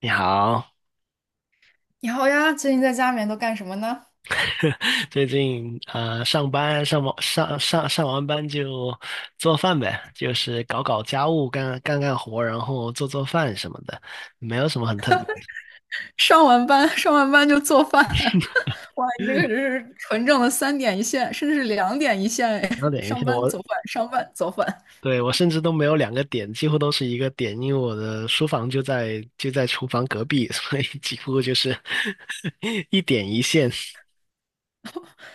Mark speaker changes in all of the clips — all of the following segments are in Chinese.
Speaker 1: 你好。
Speaker 2: 你好呀，最近在家里面都干什么呢？
Speaker 1: 最近上班上完上完班就做饭呗，就是搞搞家务，干干干活，然后做做饭什么的，没有什么很特别的。
Speaker 2: 上完班，上完班就做饭，哇，你这个 真 是纯正的三点一线，甚至是两点一线哎！
Speaker 1: 然后 等一下
Speaker 2: 上班
Speaker 1: 我，
Speaker 2: 做饭，上班做饭。
Speaker 1: 对，我甚至都没有两个点，几乎都是一个点，因为我的书房就在厨房隔壁，所以几乎就是 一点一线。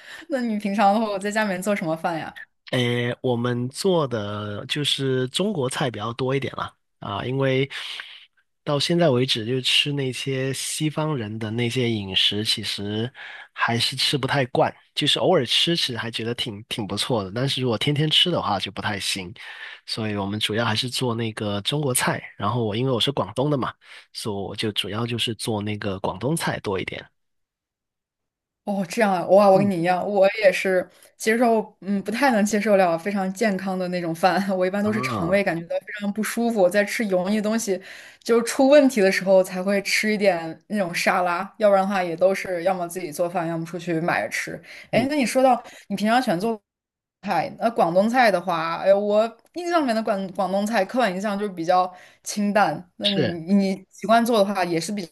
Speaker 2: 那你平常的话，在家里面做什么饭呀？
Speaker 1: 诶，我们做的就是中国菜比较多一点啦，啊，因为到现在为止，就吃那些西方人的那些饮食，其实还是吃不太惯，就是偶尔吃吃还觉得挺不错的，但是如果天天吃的话就不太行，所以我们主要还是做那个中国菜，然后因为我是广东的嘛，所以我就主要就是做那个广东菜多一点。
Speaker 2: 哦，这样啊，哇，我跟
Speaker 1: 嗯，
Speaker 2: 你一样，我也是接受，嗯，不太能接受了非常健康的那种饭。我一般都是肠
Speaker 1: 啊，
Speaker 2: 胃感觉到非常不舒服，在吃油腻的东西就出问题的时候才会吃一点那种沙拉，要不然的话也都是要么自己做饭，要么出去买着吃。哎，
Speaker 1: 嗯，
Speaker 2: 那你说到你平常喜欢做菜，那广东菜的话，哎，我印象里面的广东菜刻板印象就是比较清淡。那
Speaker 1: 是。
Speaker 2: 你习惯做的话，也是比较。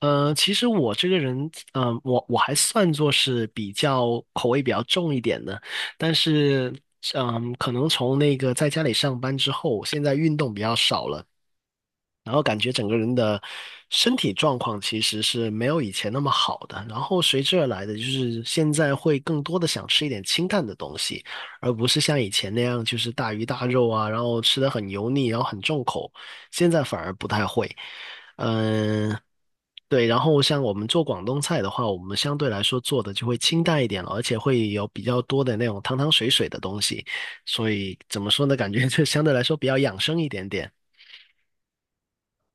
Speaker 1: 其实我这个人，我还算作是比较口味比较重一点的，但是，可能从那个在家里上班之后，现在运动比较少了，然后感觉整个人的身体状况其实是没有以前那么好的，然后随之而来的就是现在会更多的想吃一点清淡的东西，而不是像以前那样就是大鱼大肉啊，然后吃的很油腻，然后很重口，现在反而不太会。嗯，对，然后像我们做广东菜的话，我们相对来说做的就会清淡一点了，而且会有比较多的那种汤汤水水的东西，所以怎么说呢，感觉就相对来说比较养生一点点。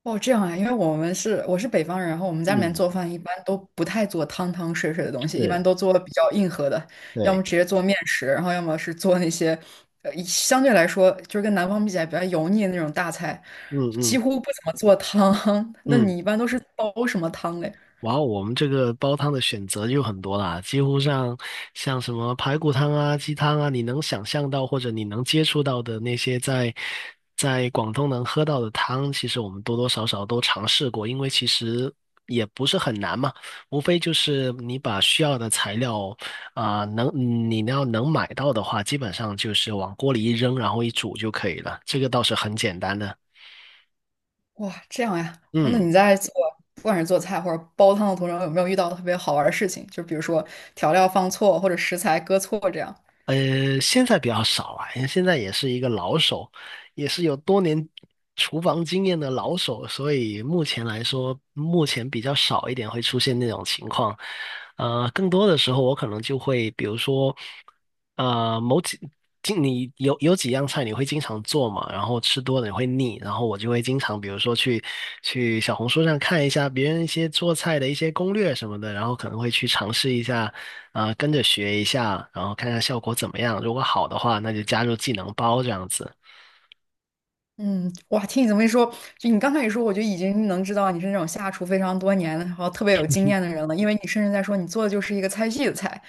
Speaker 2: 哦，这样啊，因为我是北方人，然后我们家里面
Speaker 1: 嗯，
Speaker 2: 做饭一般都不太做汤汤水水的东西，一般
Speaker 1: 是。
Speaker 2: 都做比较硬核的，要
Speaker 1: 对，
Speaker 2: 么直接做面食，然后要么是做那些，相对来说就是跟南方比起来比较油腻的那种大菜，
Speaker 1: 嗯，
Speaker 2: 几
Speaker 1: 嗯，
Speaker 2: 乎不怎么做汤。那
Speaker 1: 嗯，
Speaker 2: 你一般都是煲什么汤嘞？
Speaker 1: 哇，后我们这个煲汤的选择就很多啦，几乎上像什么排骨汤啊、鸡汤啊，你能想象到或者你能接触到的那些在广东能喝到的汤，其实我们多多少少都尝试过，因为其实也不是很难嘛，无非就是你把需要的材料啊、你要能买到的话，基本上就是往锅里一扔，然后一煮就可以了，这个倒是很简单的。
Speaker 2: 哇，这样呀，哦那
Speaker 1: 嗯，
Speaker 2: 你在做不管是做菜或者煲汤的途中，有没有遇到特别好玩的事情？就比如说调料放错或者食材搁错这样。
Speaker 1: 现在比较少啊，因为现在也是一个老手，也是有多年厨房经验的老手，所以目前来说，目前比较少一点会出现那种情况。更多的时候我可能就会，比如说，呃，某几，你有几样菜你会经常做嘛，然后吃多了你会腻，然后我就会经常，比如说去小红书上看一下别人一些做菜的一些攻略什么的，然后可能会去尝试一下。啊，跟着学一下，然后看看效果怎么样。如果好的话，那就加入技能包这样子。
Speaker 2: 嗯，哇，听你这么一说，就你刚开始说，我就已经能知道你是那种下厨非常多年的，然后特别有经验的人了，因为你甚至在说你做的就是一个菜系的菜。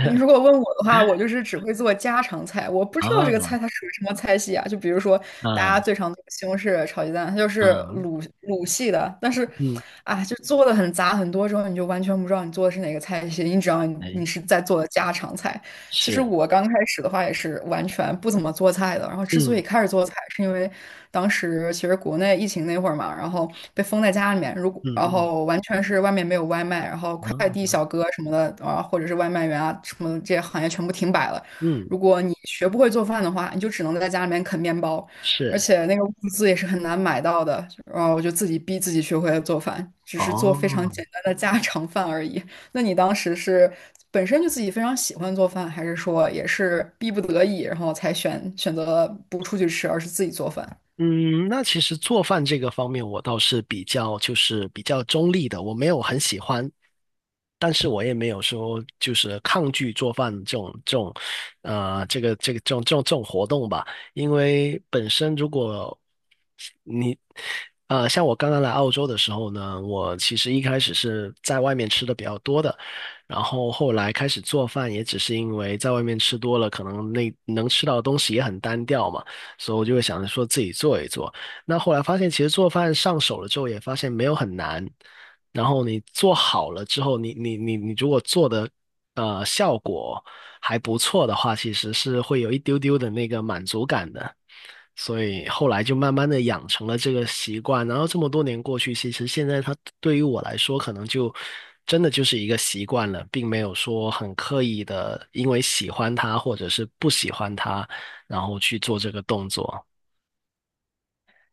Speaker 2: 你如果问我的话，我就是只会做家常菜，我不知道这个菜
Speaker 1: 啊，
Speaker 2: 它属于什么菜系啊。就比如说大家
Speaker 1: 嗯，
Speaker 2: 最常做的西红柿炒鸡蛋，它就是
Speaker 1: 嗯，
Speaker 2: 鲁系的，但是
Speaker 1: 嗯，
Speaker 2: 啊，就做的很杂很多之后，你就完全不知道你做的是哪个菜系，你只要你
Speaker 1: 哎，
Speaker 2: 你是在做的家常菜。其实
Speaker 1: 是，
Speaker 2: 我刚开始的话也是完全不怎么做菜的，然后之所以
Speaker 1: 嗯，
Speaker 2: 开始做菜，是因为当时其实国内疫情那会儿嘛，然后被封在家里面，如果
Speaker 1: 嗯，
Speaker 2: 然
Speaker 1: 嗯，
Speaker 2: 后完全是外面没有外卖，然后快递
Speaker 1: 嗯，
Speaker 2: 小哥什么的啊，或者是外卖员啊什么的这些行业全部停摆了。
Speaker 1: 嗯，
Speaker 2: 如果你学不会做饭的话，你就只能在家里面啃面包，而
Speaker 1: 是。
Speaker 2: 且那个物资也是很难买到的。然后我就自己逼自己学会了做饭，只是做非常
Speaker 1: 哦，
Speaker 2: 简单的家常饭而已。那你当时是本身就自己非常喜欢做饭，还是说也是逼不得已，然后才选择不出去吃，而是自己做饭？
Speaker 1: 嗯，那其实做饭这个方面，我倒是比较中立的，我没有很喜欢，但是我也没有说就是抗拒做饭这个这种活动吧，因为本身如果你，像我刚刚来澳洲的时候呢，我其实一开始是在外面吃的比较多的，然后后来开始做饭，也只是因为在外面吃多了，可能那能吃到的东西也很单调嘛，所以我就会想着说自己做一做。那后来发现，其实做饭上手了之后，也发现没有很难。然后你做好了之后，你如果做的效果还不错的话，其实是会有一丢丢的那个满足感的。所以后来就慢慢的养成了这个习惯，然后这么多年过去，其实现在它对于我来说，可能就真的就是一个习惯了，并没有说很刻意的因为喜欢它或者是不喜欢它，然后去做这个动作。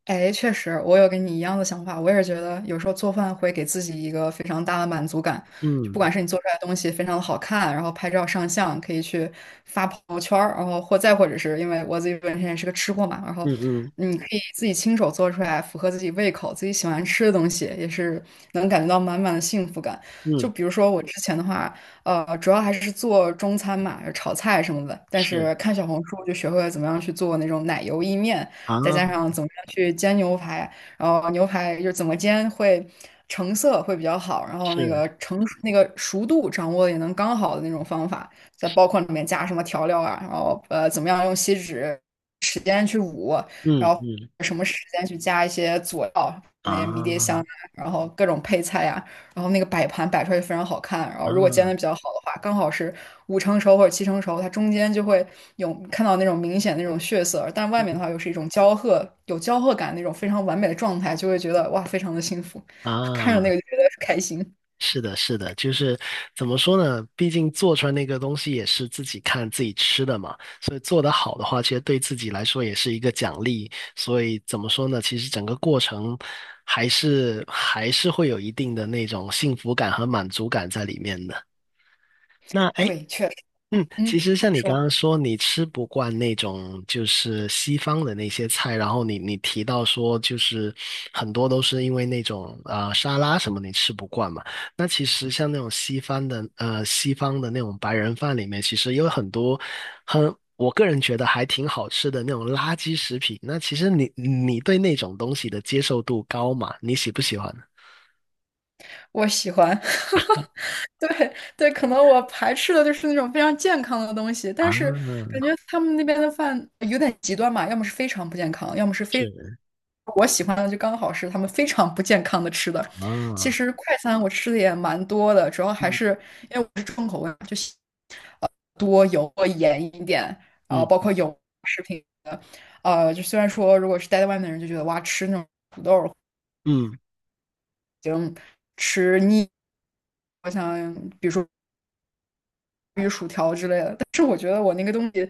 Speaker 2: 哎，确实，我有跟你一样的想法。我也是觉得，有时候做饭会给自己一个非常大的满足感，就不
Speaker 1: 嗯，
Speaker 2: 管是你做出来的东西非常的好看，然后拍照上相，可以去发朋友圈儿，然后或再或者是因为我自己本身也是个吃货嘛，然后
Speaker 1: 嗯，嗯，
Speaker 2: 你可以自己亲手做出来符合自己胃口、自己喜欢吃的东西，也是能感觉到满满的幸福感。就
Speaker 1: 嗯，
Speaker 2: 比如说我之前的话，主要还是做中餐嘛，炒菜什么的，但
Speaker 1: 是，
Speaker 2: 是看小红书就学会了怎么样去做那种奶油意面。再加上怎么样去煎牛排，然后牛排就是怎么煎会成色会比较好，然后那
Speaker 1: 是，
Speaker 2: 个成那个熟度掌握的也能刚好的那种方法，再包括里面加什么调料啊，然后怎么样用锡纸时间去捂，
Speaker 1: 嗯，
Speaker 2: 然后
Speaker 1: 嗯，
Speaker 2: 什么时间去加一些佐料，那些迷迭香
Speaker 1: 啊，
Speaker 2: 啊，然后各种配菜呀、然后那个摆盘摆出来就非常好看。然后如果煎的
Speaker 1: 啊。
Speaker 2: 比较好的话，刚好是五成熟或者七成熟，它中间就会有看到那种明显那种血色，但外面的话又是一种焦褐，有焦褐感那种非常完美的状态，就会觉得哇，非常的幸福，看着那
Speaker 1: 啊，
Speaker 2: 个就觉得开心。
Speaker 1: 是的，是的，就是怎么说呢？毕竟做出来那个东西也是自己看自己吃的嘛，所以做得好的话，其实对自己来说也是一个奖励。所以怎么说呢？其实整个过程还是会有一定的那种幸福感和满足感在里面的。那哎，诶，
Speaker 2: 对，确实。
Speaker 1: 嗯，
Speaker 2: 嗯，
Speaker 1: 其实
Speaker 2: 你
Speaker 1: 像你刚
Speaker 2: 说。
Speaker 1: 刚说，你吃不惯那种就是西方的那些菜，然后你提到说，就是很多都是因为那种沙拉什么你吃不惯嘛。那其实像那种西方的那种白人饭里面，其实有很多我个人觉得还挺好吃的那种垃圾食品。那其实你对那种东西的接受度高嘛？你喜不喜欢？
Speaker 2: 我喜欢，对对，可能我排斥的就是那种非常健康的东西，
Speaker 1: 啊，
Speaker 2: 但是感觉他们那边的饭有点极端嘛，要么是非常不健康，要么是非
Speaker 1: 是
Speaker 2: 我喜欢的就刚好是他们非常不健康的吃的。其
Speaker 1: 啊，
Speaker 2: 实快餐我吃的也蛮多的，主要还
Speaker 1: 嗯，
Speaker 2: 是因为我是重口味嘛就喜多油多盐一点，然后包
Speaker 1: 嗯，
Speaker 2: 括油食品的，就虽然说如果是待在外面的人就觉得哇，吃那种
Speaker 1: 嗯。
Speaker 2: 已经吃腻。我想，比如说薯条之类的。但是我觉得我那个东西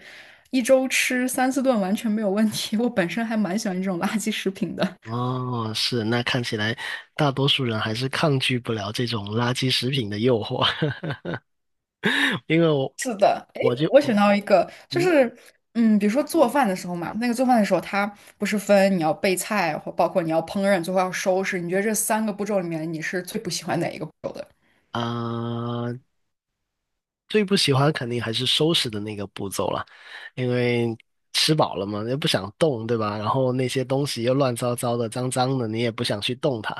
Speaker 2: 一周吃三四顿完全没有问题。我本身还蛮喜欢这种垃圾食品的。
Speaker 1: 哦，是，那看起来大多数人还是抗拒不了这种垃圾食品的诱惑，因为我我就
Speaker 2: 我选
Speaker 1: 我
Speaker 2: 到一个，
Speaker 1: 嗯，
Speaker 2: 比如说做饭的时候嘛，那个做饭的时候，它不是分你要备菜，或包括你要烹饪，最后要收拾。你觉得这三个步骤里面，你是最不喜欢哪一个步骤的？
Speaker 1: 啊。最不喜欢肯定还是收拾的那个步骤了，因为吃饱了嘛，又不想动，对吧？然后那些东西又乱糟糟的、脏脏的，你也不想去动它，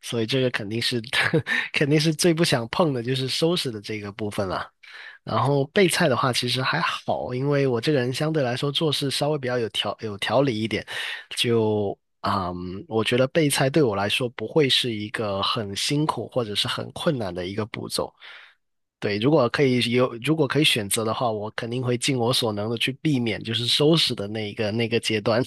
Speaker 1: 所以这个肯定是 肯定是最不想碰的，就是收拾的这个部分了。然后备菜的话，其实还好，因为我这个人相对来说做事稍微比较有条理一点，就。嗯，我觉得备菜对我来说不会是一个很辛苦或者是很困难的一个步骤。对，如果可以有，如果可以选择的话，我肯定会尽我所能的去避免，就是收拾的那个阶段。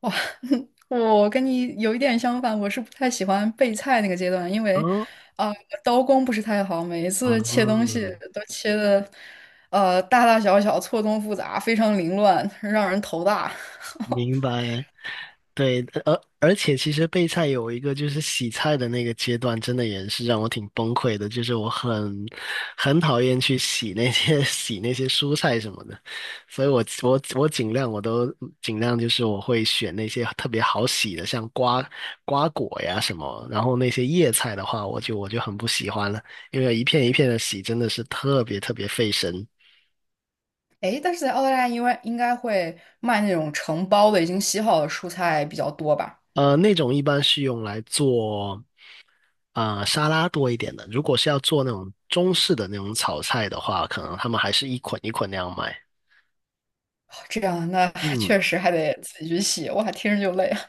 Speaker 2: 哇，我跟你有一点相反，我是不太喜欢备菜那个阶段，因为，
Speaker 1: 哦，
Speaker 2: 啊、刀工不是太好，每一
Speaker 1: 啊，
Speaker 2: 次切东西都切的，大大小小、错综复杂，非常凌乱，让人头大。
Speaker 1: 明白。对，而且其实备菜有一个就是洗菜的那个阶段，真的也是让我挺崩溃的。就是我很讨厌去洗那些 洗那些蔬菜什么的，所以我尽量就是我会选那些特别好洗的，像瓜果呀什么。然后那些叶菜的话，我就很不喜欢了，因为一片一片的洗真的是特别特别费神。
Speaker 2: 诶，但是在澳大利亚，因为应该会卖那种成包的、已经洗好的蔬菜比较多吧？
Speaker 1: 那种一般是用来做。啊、沙拉多一点的。如果是要做那种中式的那种炒菜的话，可能他们还是一捆一捆那样卖。
Speaker 2: 这样，那
Speaker 1: 嗯，
Speaker 2: 确实还得自己去洗，哇，听着就累啊！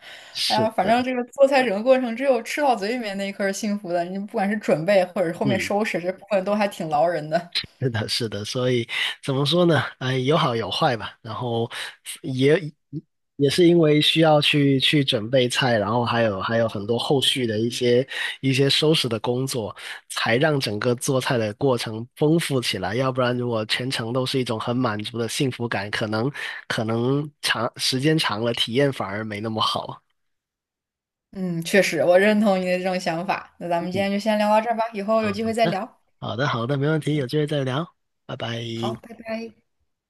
Speaker 2: 哎
Speaker 1: 是
Speaker 2: 呀，反正
Speaker 1: 的，
Speaker 2: 这个做菜整个过程，只有吃到嘴里面那一刻是幸福的。你不管是准备，或者是后面
Speaker 1: 嗯。
Speaker 2: 收拾，这部分都还挺劳人的。
Speaker 1: 是的，是的，所以怎么说呢？哎，有好有坏吧。然后也也是因为需要去准备菜，然后还有很多后续的一些收拾的工作，才让整个做菜的过程丰富起来。要不然，如果全程都是一种很满足的幸福感，可能长时间长了，体验反而没那么好。
Speaker 2: 嗯，确实，我认同你的这种想法。那咱们今
Speaker 1: 嗯，
Speaker 2: 天就先聊到这儿吧，以后
Speaker 1: 好
Speaker 2: 有机会再
Speaker 1: 的，
Speaker 2: 聊。
Speaker 1: 好的，好的，没问题，有机会再聊，拜拜。
Speaker 2: 好，拜拜。